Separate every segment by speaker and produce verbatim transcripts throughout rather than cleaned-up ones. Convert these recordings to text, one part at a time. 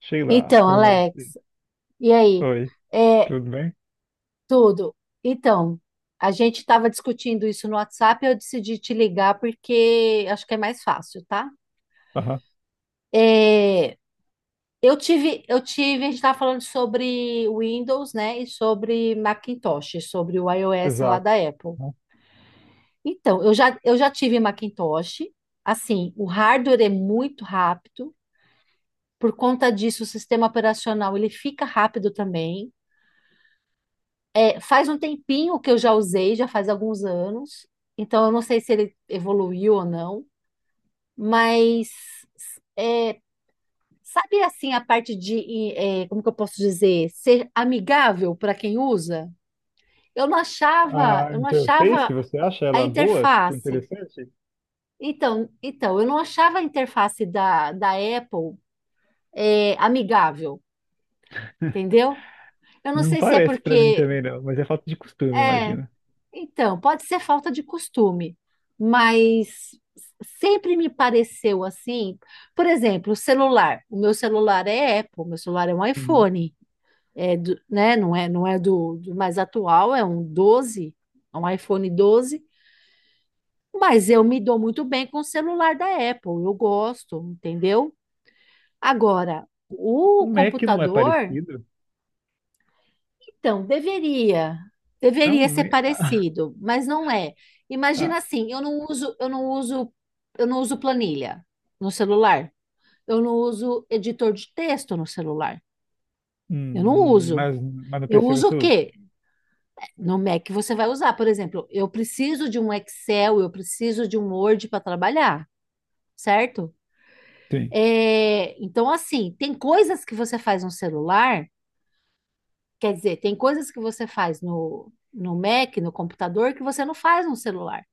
Speaker 1: Sheila,
Speaker 2: Então,
Speaker 1: boa
Speaker 2: Alex,
Speaker 1: noite.
Speaker 2: e aí?
Speaker 1: Oi,
Speaker 2: É,
Speaker 1: tudo bem?
Speaker 2: tudo. Então, a gente estava discutindo isso no WhatsApp, eu decidi te ligar porque acho que é mais fácil, tá?
Speaker 1: Aham,
Speaker 2: É, eu tive, eu tive, a gente estava falando sobre Windows, né, e sobre Macintosh, sobre o iOS lá
Speaker 1: exato.
Speaker 2: da Apple. Então, eu já, eu já tive Macintosh, assim, o hardware é muito rápido, por conta disso o sistema operacional ele fica rápido também. Faz um tempinho que eu já usei, já faz alguns anos. Então, eu não sei se ele evoluiu ou não, mas é, sabe assim a parte de, é, como que eu posso dizer, ser amigável para quem usa? Eu não achava,
Speaker 1: A
Speaker 2: eu não
Speaker 1: interface,
Speaker 2: achava
Speaker 1: você acha
Speaker 2: a
Speaker 1: ela boa? Tipo,
Speaker 2: interface.
Speaker 1: interessante?
Speaker 2: Então, então, eu não achava a interface da, da Apple é, amigável, entendeu? Eu não
Speaker 1: Não
Speaker 2: sei se é
Speaker 1: parece pra mim
Speaker 2: porque
Speaker 1: também, não, mas é falta de costume,
Speaker 2: é,
Speaker 1: imagina.
Speaker 2: então, pode ser falta de costume, mas sempre me pareceu assim. Por exemplo, o celular. O meu celular é Apple, meu celular é um
Speaker 1: Uhum.
Speaker 2: iPhone, é do- né? Não é, não é do, do mais atual, é um doze é um iPhone doze. Mas eu me dou muito bem com o celular da Apple, eu gosto, entendeu? Agora,
Speaker 1: O
Speaker 2: o
Speaker 1: Mac não é
Speaker 2: computador.
Speaker 1: parecido?
Speaker 2: Então, deveria, deveria
Speaker 1: Não,
Speaker 2: ser
Speaker 1: e- ah,
Speaker 2: parecido, mas não é. Imagina
Speaker 1: ah,
Speaker 2: assim, eu não uso, eu não uso, eu não uso planilha no celular. Eu não uso editor de texto no celular. Eu não
Speaker 1: hum,
Speaker 2: uso.
Speaker 1: mas, mas no
Speaker 2: Eu
Speaker 1: P C
Speaker 2: uso
Speaker 1: você
Speaker 2: o
Speaker 1: usa?
Speaker 2: quê? No Mac você vai usar, por exemplo, eu preciso de um Excel, eu preciso de um Word para trabalhar, certo?
Speaker 1: Sim.
Speaker 2: É, então, assim, tem coisas que você faz no celular. Quer dizer, tem coisas que você faz no, no Mac, no computador, que você não faz no celular.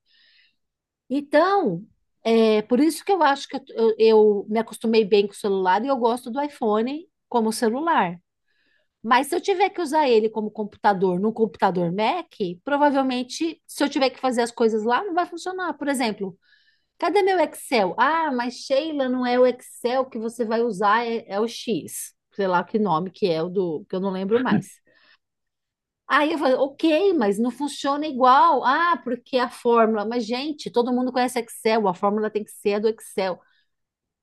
Speaker 2: Então, é por isso que eu acho que eu, eu- eu me acostumei bem com o celular e eu gosto do iPhone como celular. Mas se eu tiver que usar ele como computador no computador Mac, provavelmente, se eu tiver que fazer as coisas lá, não vai funcionar. Por exemplo, cadê meu Excel? Ah, mas Sheila, não é o Excel que você vai usar, é, é o X. Sei lá que nome que é o do, que eu não lembro mais. Aí eu falei, ok, mas não funciona igual. Ah, porque a fórmula. Mas, gente, todo mundo conhece Excel, a fórmula tem que ser a do Excel.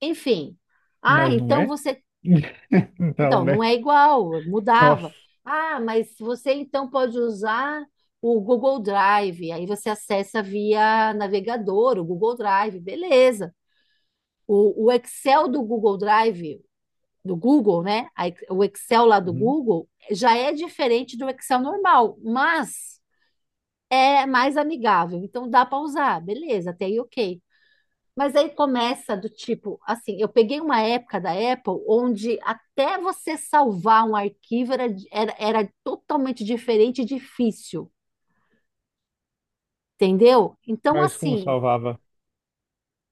Speaker 2: Enfim. Ah,
Speaker 1: Mas não
Speaker 2: então
Speaker 1: é?
Speaker 2: você.
Speaker 1: Não,
Speaker 2: Então, não
Speaker 1: né?
Speaker 2: é igual, mudava.
Speaker 1: Nossa.
Speaker 2: Ah, mas você então pode usar o Google Drive. Aí você acessa via navegador, o Google Drive, beleza. O, o Excel do Google Drive, do Google, né? A- O Excel lá do
Speaker 1: Uhum.
Speaker 2: Google já é diferente do Excel normal, mas é mais amigável, então dá para usar, beleza, até aí ok. Mas aí começa do tipo, assim, eu peguei uma época da Apple onde até você salvar um arquivo era, era, era totalmente diferente e difícil, entendeu? Então,
Speaker 1: Mas como
Speaker 2: assim,
Speaker 1: salvava?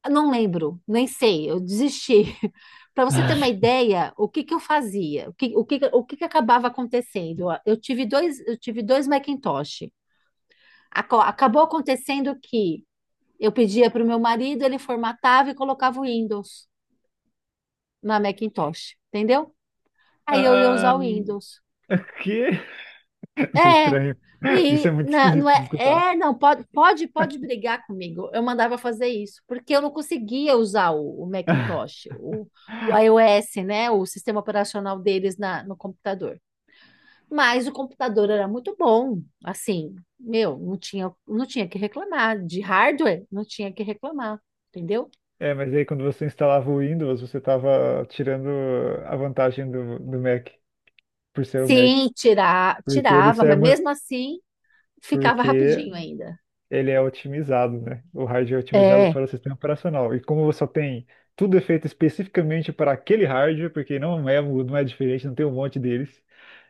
Speaker 2: eu não lembro, nem sei, eu desisti. Para você ter uma ideia, o que que eu fazia? O que, o que, o que que acabava acontecendo? Eu tive dois, eu tive dois Macintosh. Aco- Acabou acontecendo que eu pedia para o meu marido, ele formatava e colocava o Windows na Macintosh, entendeu? Aí eu ia
Speaker 1: Ah,
Speaker 2: usar o Windows.
Speaker 1: que? Isso é
Speaker 2: É,
Speaker 1: estranho. Isso é
Speaker 2: e
Speaker 1: muito
Speaker 2: na- não
Speaker 1: esquisito de
Speaker 2: é,
Speaker 1: escutar.
Speaker 2: é, não, pode, pode, pode brigar comigo. Eu mandava fazer isso, porque eu não conseguia usar o, o Macintosh, o, o iOS, né? O sistema operacional deles na, no computador. Mas o computador era muito bom, assim, meu, não tinha, não tinha que reclamar. De hardware, não tinha que reclamar, entendeu?
Speaker 1: É, mas aí quando você instalava o Windows, você estava tirando a vantagem do, do Mac, por ser o Mac.
Speaker 2: Sim, tirar,
Speaker 1: Porque ele
Speaker 2: tirava,
Speaker 1: só é
Speaker 2: mas
Speaker 1: muito,
Speaker 2: mesmo assim ficava
Speaker 1: porque
Speaker 2: rapidinho ainda.
Speaker 1: ele é otimizado, né? O hardware é otimizado
Speaker 2: É,
Speaker 1: para o sistema operacional. E como você só tem tudo é feito especificamente para aquele hardware, porque não é, mu- não é diferente, não tem um monte deles.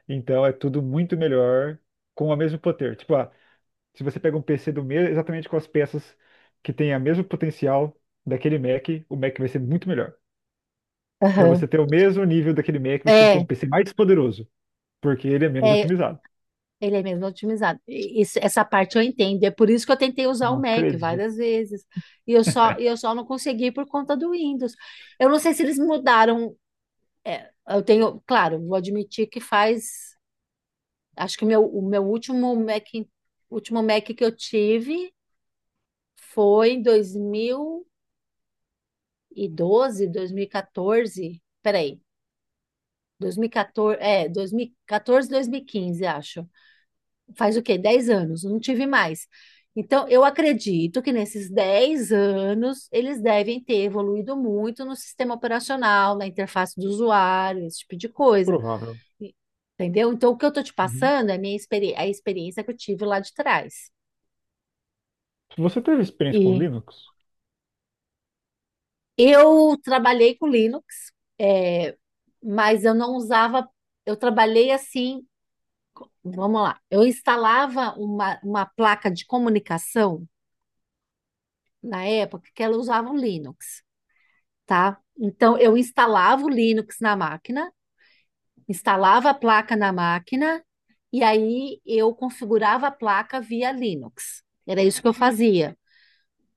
Speaker 1: Então é tudo muito melhor com o mesmo poder. Tipo, ah, se você pega um P C do mesmo, exatamente com as peças que têm o mesmo potencial daquele Mac, o Mac vai ser muito melhor. Para
Speaker 2: aham.
Speaker 1: você ter o mesmo nível daquele Mac, você tem que ter um
Speaker 2: É,
Speaker 1: P C mais poderoso, porque ele é menos
Speaker 2: é,
Speaker 1: otimizado.
Speaker 2: ele é mesmo otimizado. E isso, essa parte eu entendo. É por isso que eu tentei usar o
Speaker 1: Não
Speaker 2: Mac
Speaker 1: acredito.
Speaker 2: várias vezes. E eu só, e eu só não consegui por conta do Windows. Eu não sei se eles mudaram. Eu tenho, claro, vou admitir que faz. Acho que o meu, o meu último Mac, último Mac que eu tive foi em dois dois mil mil e doze dois mil e dois mil e quatorze. Peraí. dois mil e quatorze, é, dois mil e quatorze, dois mil e quinze, acho. Faz o quê? Dez anos, não tive mais. Então, eu acredito que nesses dez anos eles devem ter evoluído muito no sistema operacional, na interface do usuário, esse tipo de coisa.
Speaker 1: Provável.
Speaker 2: E- Entendeu? Então, o que eu estou te
Speaker 1: Uhum.
Speaker 2: passando é a minha experi é a experiência que eu tive lá de trás.
Speaker 1: Se você teve experiência com
Speaker 2: E
Speaker 1: Linux,
Speaker 2: eu trabalhei com Linux, é, mas eu não usava. Eu trabalhei assim. Vamos lá. Eu instalava uma, uma placa de comunicação na época que ela usava o Linux, tá? Então eu instalava o Linux na máquina, instalava a placa na máquina e aí eu configurava a placa via Linux. Era isso que eu fazia.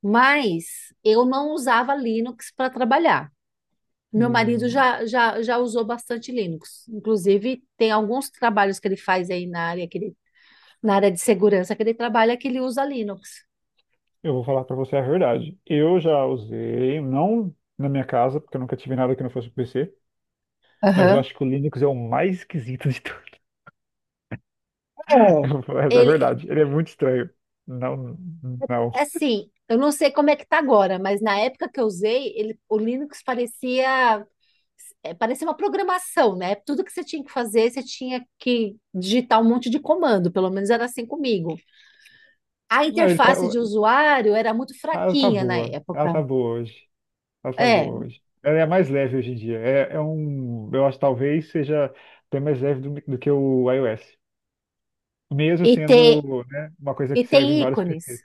Speaker 2: Mas eu não usava Linux para trabalhar. Meu marido
Speaker 1: hum,
Speaker 2: já, já, já usou bastante Linux. Inclusive, tem alguns trabalhos que ele faz aí na área, que ele- na área de segurança que ele trabalha que ele usa Linux.
Speaker 1: eu vou falar para você a verdade. Eu já usei, não na minha casa, porque eu nunca tive nada que não fosse P C, mas eu
Speaker 2: Aham.
Speaker 1: acho que o Linux é o mais esquisito de tudo.
Speaker 2: É.
Speaker 1: Mas é
Speaker 2: Ele,
Speaker 1: verdade, ele é muito estranho. Não, não.
Speaker 2: assim, eu não sei como é que tá agora, mas na época que eu usei, ele, o Linux parecia, é, parecia uma programação, né? Tudo que você tinha que fazer, você tinha que digitar um monte de comando, pelo menos era assim comigo. A
Speaker 1: Não, ele tá,
Speaker 2: interface de usuário era muito
Speaker 1: ela tá
Speaker 2: fraquinha na
Speaker 1: boa. Ela
Speaker 2: época.
Speaker 1: tá boa hoje. Ela tá
Speaker 2: É,
Speaker 1: boa hoje. Ela é a mais leve hoje em dia. É, é um, eu acho que talvez seja até mais leve do, do que o iOS. Mesmo
Speaker 2: e tem,
Speaker 1: sendo, né, uma coisa
Speaker 2: e
Speaker 1: que serve em
Speaker 2: tem
Speaker 1: vários
Speaker 2: ícones.
Speaker 1: P Cs.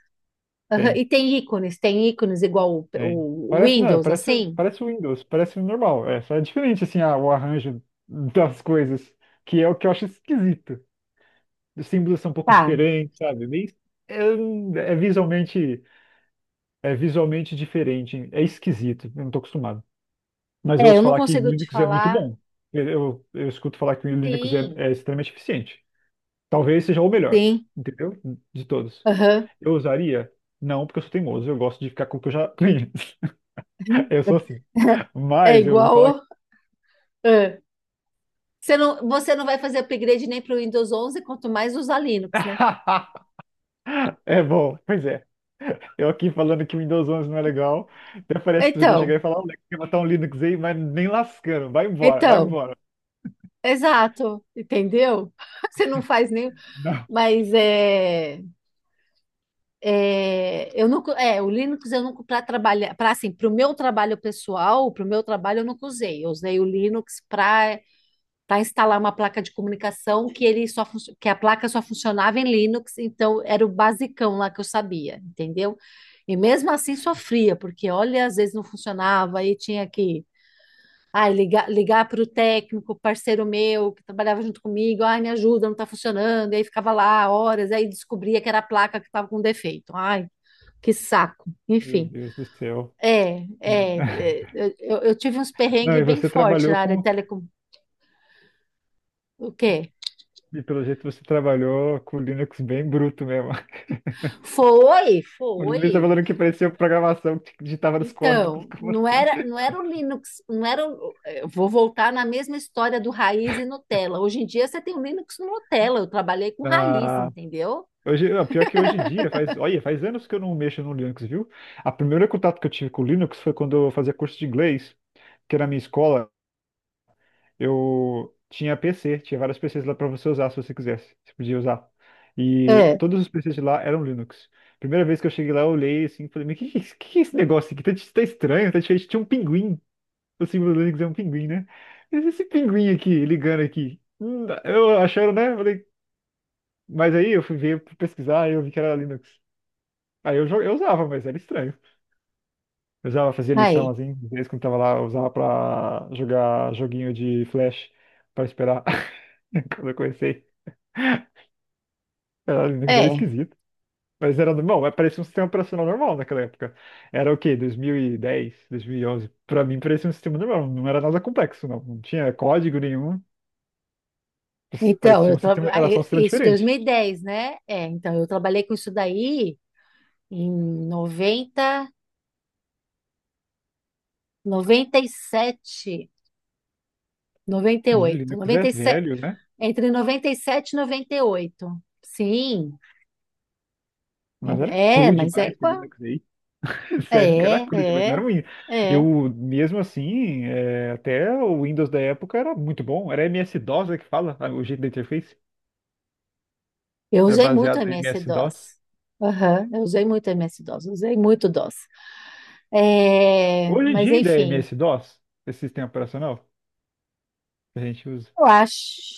Speaker 2: Aham,
Speaker 1: Tem,
Speaker 2: e tem ícones, tem ícones igual
Speaker 1: tem.
Speaker 2: o, o
Speaker 1: Parece, não,
Speaker 2: Windows,
Speaker 1: parece,
Speaker 2: assim?
Speaker 1: parece o Windows, parece normal. É, só é diferente, assim, a- o arranjo das coisas, que é o que eu acho esquisito. Os símbolos são um pouco
Speaker 2: Tá.
Speaker 1: diferentes, sabe? Meio, é, é visualmente, é visualmente diferente. É esquisito, eu não tô acostumado. Mas eu
Speaker 2: É, eu
Speaker 1: ouço
Speaker 2: não
Speaker 1: falar que
Speaker 2: consigo te
Speaker 1: Linux é muito
Speaker 2: falar.
Speaker 1: bom. Eu, eu, eu escuto falar que Linux é,
Speaker 2: Sim,
Speaker 1: é extremamente eficiente. Talvez seja o melhor,
Speaker 2: sim.
Speaker 1: entendeu? De todos.
Speaker 2: Aham.
Speaker 1: Eu usaria? Não, porque eu sou teimoso. Eu gosto de ficar com o que eu já conheço. Eu sou assim.
Speaker 2: É
Speaker 1: Mas eu vou falar.
Speaker 2: igual. É. Você não, você não vai fazer upgrade nem para o Windows onze, quanto mais usar Linux, né?
Speaker 1: É bom, pois é. Eu aqui falando que o Windows onze não é legal. Até parece que alguém
Speaker 2: Então,
Speaker 1: chegar e falar: Olha, quer matar um Linux aí, mas nem lascando. Vai embora, vai
Speaker 2: então,
Speaker 1: embora.
Speaker 2: exato, entendeu? Você não faz nem,
Speaker 1: Não.
Speaker 2: mas é, é, eu nunca, é, o Linux eu nunca para trabalhar, para assim, para o meu trabalho pessoal, para o meu trabalho eu nunca usei. Eu usei o Linux para para instalar uma placa de comunicação que ele só funcio- que a placa só funcionava em Linux, então era o basicão lá que eu sabia, entendeu? E mesmo assim sofria, porque olha, às vezes não funcionava e tinha que ai, ligar, ligar para o técnico, parceiro meu, que trabalhava junto comigo, ai, me ajuda, não está funcionando, e aí ficava lá horas, aí descobria que era a placa que estava com defeito. Ai, que saco.
Speaker 1: Meu
Speaker 2: Enfim,
Speaker 1: Deus do céu.
Speaker 2: é, é, é, eu, eu eu tive uns
Speaker 1: Não,
Speaker 2: perrengues
Speaker 1: e
Speaker 2: bem
Speaker 1: você
Speaker 2: fortes
Speaker 1: trabalhou
Speaker 2: na área de
Speaker 1: com
Speaker 2: telecom. O quê?
Speaker 1: e pelo jeito você trabalhou com o Linux bem bruto mesmo.
Speaker 2: Foi,
Speaker 1: O Linux tá
Speaker 2: foi.
Speaker 1: falando que parecia programação que digitava nos códigos,
Speaker 2: Então,
Speaker 1: como
Speaker 2: não
Speaker 1: assim?
Speaker 2: era, não era o Linux, não era o, eu vou voltar na mesma história do raiz e Nutella. Hoje em dia você tem o Linux no Nutella. Eu trabalhei com raiz,
Speaker 1: Ah,
Speaker 2: entendeu?
Speaker 1: hoje, ah, pior que hoje em dia, faz, olha, faz anos que eu não mexo no Linux, viu? A primeira contato que eu tive com o Linux foi quando eu fazia curso de inglês, que era na minha escola, eu tinha P C, tinha vários P Cs lá para você usar se você quisesse, você podia usar. E
Speaker 2: É,
Speaker 1: todos os P Cs de lá eram Linux. Primeira vez que eu cheguei lá, eu olhei assim, falei, mas que, que, que é esse negócio aqui? Tá, tá estranho, tá diferente, tinha um pinguim. O símbolo do Linux é um pinguim, né? Mas esse pinguim aqui, ligando aqui. Hum, Eu achando, né? Falei, mas aí eu fui ver, fui pesquisar e eu vi que era Linux. Aí eu, jo- eu usava, mas era estranho. Eu usava, fazia lição
Speaker 2: aí,
Speaker 1: assim, às vezes quando tava lá, eu usava pra jogar joguinho de Flash pra esperar. Quando eu comecei, era Linux era
Speaker 2: é.
Speaker 1: esquisito. Mas era normal, mas parecia um sistema operacional normal naquela época. Era o quê? dois mil e dez, dois mil e onze. Pra mim parecia um sistema normal, não era nada complexo, não. Não tinha código nenhum. Isso
Speaker 2: Então,
Speaker 1: parecia
Speaker 2: eu
Speaker 1: um sistema, era só um
Speaker 2: trabalhei
Speaker 1: sistema
Speaker 2: isso dois mil
Speaker 1: diferente.
Speaker 2: e dez, né? É, então eu trabalhei com isso daí em noventa, noventa noventa e e sete, noventa e oito,
Speaker 1: Linux é
Speaker 2: noventa e sete,
Speaker 1: velho, né?
Speaker 2: entre noventa e sete e e noventa e oito. Sim,
Speaker 1: Mas era
Speaker 2: é, é,
Speaker 1: cru
Speaker 2: mas é
Speaker 1: demais esse
Speaker 2: igual.
Speaker 1: Linux aí. Sério, que era
Speaker 2: É,
Speaker 1: cru demais, não era
Speaker 2: é,
Speaker 1: ruim. Eu,
Speaker 2: é.
Speaker 1: mesmo assim, é, até o Windows da época era muito bom. Era M S-DOS, é que fala, ah, o jeito da interface.
Speaker 2: Eu
Speaker 1: Era
Speaker 2: usei muito
Speaker 1: baseado em M S-DOS.
Speaker 2: M S-DOS. Aham, eu usei muito MS-DOS, usei muito DOS. É,
Speaker 1: Hoje em
Speaker 2: mas
Speaker 1: dia ainda é
Speaker 2: enfim,
Speaker 1: MS-DOS, esse sistema operacional que a gente usa.
Speaker 2: eu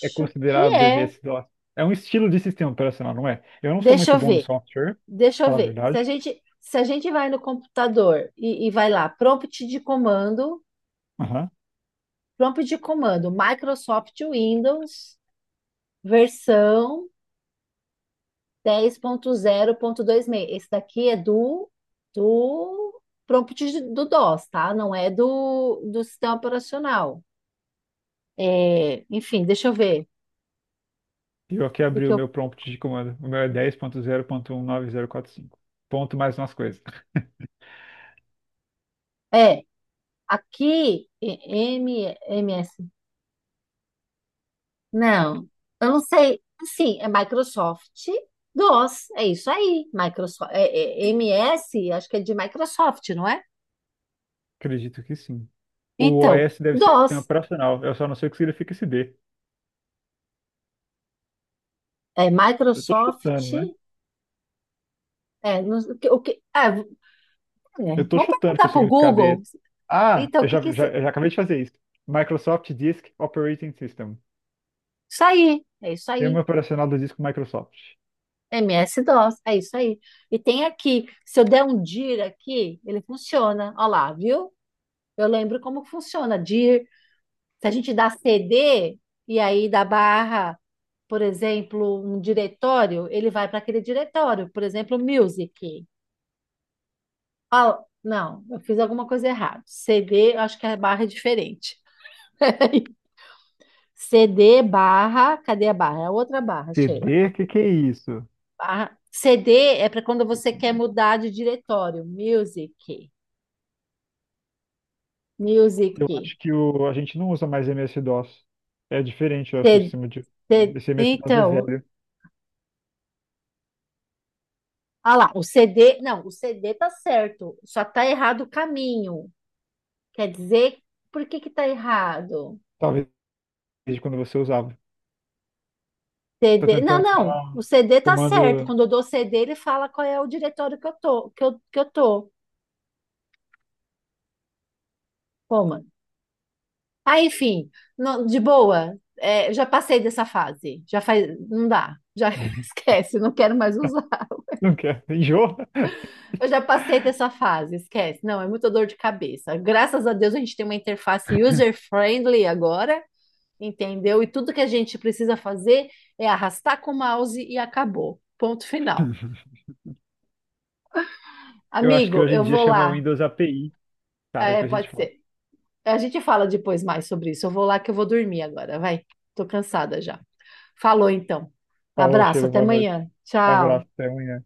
Speaker 1: É
Speaker 2: que
Speaker 1: considerado
Speaker 2: é.
Speaker 1: M S-DOS. É um estilo de sistema operacional, não é? Eu não sou
Speaker 2: Deixa
Speaker 1: muito
Speaker 2: eu
Speaker 1: bom em
Speaker 2: ver,
Speaker 1: software, pra
Speaker 2: deixa eu
Speaker 1: falar a
Speaker 2: ver. Se a
Speaker 1: verdade.
Speaker 2: gente, se a gente vai no computador e, e vai lá, prompt de comando, prompt de comando, Microsoft Windows, versão dez ponto zero ponto zero seis. Esse daqui é do, do prompt de- do DOS, tá? Não é do, do sistema operacional. É, enfim, deixa eu ver.
Speaker 1: E eu aqui
Speaker 2: O que
Speaker 1: abri
Speaker 2: que
Speaker 1: o
Speaker 2: eu...
Speaker 1: meu prompt de comando. O meu é dez ponto zero ponto um nove zero quatro cinco. Ponto zero ponto um nove zero quatro cinco. Ponto mais umas coisas.
Speaker 2: É, aqui, e- M, MS. Não, eu não sei. Sim, é Microsoft DOS. É isso aí. Microsoft, é, é, M S, acho que é de Microsoft, não é?
Speaker 1: Acredito que sim. O
Speaker 2: Então,
Speaker 1: OS deve ser sistema
Speaker 2: DOS.
Speaker 1: operacional. Eu só não sei o que significa esse D.
Speaker 2: É
Speaker 1: Eu tô chutando,
Speaker 2: Microsoft.
Speaker 1: né?
Speaker 2: É, não- o que, o que- é, É.
Speaker 1: Eu tô
Speaker 2: Vamos
Speaker 1: chutando que
Speaker 2: perguntar
Speaker 1: o
Speaker 2: para o
Speaker 1: significado é
Speaker 2: Google.
Speaker 1: esse. Ah,
Speaker 2: Então, o
Speaker 1: eu
Speaker 2: que que...
Speaker 1: já, já,
Speaker 2: se-
Speaker 1: eu já acabei de fazer isso. Microsoft Disk Operating System.
Speaker 2: Isso aí, é isso aí.
Speaker 1: Sistema operacional do disco Microsoft.
Speaker 2: M S-DOS, é isso aí. E tem aqui, se eu der um dir aqui, ele funciona. Olha lá, viu? Eu lembro como funciona. Dir, se a gente dá C D e aí dá barra, por exemplo, um diretório, ele vai para aquele diretório. Por exemplo, music. Ah, não, eu fiz alguma coisa errada. C D, eu acho que a barra é diferente. C D barra, cadê a barra? É a outra barra,
Speaker 1: C D,
Speaker 2: Sheila.
Speaker 1: o que
Speaker 2: Aqui.
Speaker 1: que é isso?
Speaker 2: A C D é para quando você quer mudar de diretório. Music, music.
Speaker 1: Eu acho que o, a gente não usa mais M S-DOS. É diferente, eu acho que o
Speaker 2: C-
Speaker 1: sistema de.
Speaker 2: C-
Speaker 1: Esse M S-DOS é
Speaker 2: então,
Speaker 1: velho.
Speaker 2: ah lá, o C D, não, o C D tá certo, só tá errado o caminho. Quer dizer, por que que tá errado?
Speaker 1: Talvez desde quando você usava. Tá
Speaker 2: C D, não,
Speaker 1: tentando
Speaker 2: não,
Speaker 1: usar
Speaker 2: o C D tá certo.
Speaker 1: comando.
Speaker 2: Quando eu dou C D, ele fala qual é o diretório que eu tô, que eu, que eu tô. Toma. Ah, enfim, não- de boa, é, já passei dessa fase. Já faz, não dá, já esquece, não quero mais usar.
Speaker 1: Não quer. Enjoa?
Speaker 2: Eu já passei dessa fase, esquece. Não, é muita dor de cabeça. Graças a Deus a gente tem uma interface user-friendly agora, entendeu? E tudo que a gente precisa fazer é arrastar com o mouse e acabou. Ponto final.
Speaker 1: Eu acho que
Speaker 2: Amigo,
Speaker 1: hoje em
Speaker 2: eu
Speaker 1: dia
Speaker 2: vou
Speaker 1: chama
Speaker 2: lá.
Speaker 1: Windows A P I. Tá,
Speaker 2: É,
Speaker 1: depois a gente
Speaker 2: pode
Speaker 1: fala.
Speaker 2: ser. A gente fala depois mais sobre isso. Eu vou lá que eu vou dormir agora, vai. Tô cansada já. Falou então.
Speaker 1: Falou,
Speaker 2: Abraço,
Speaker 1: Sheila,
Speaker 2: até
Speaker 1: boa noite.
Speaker 2: amanhã. Tchau.
Speaker 1: Abraço, até amanhã.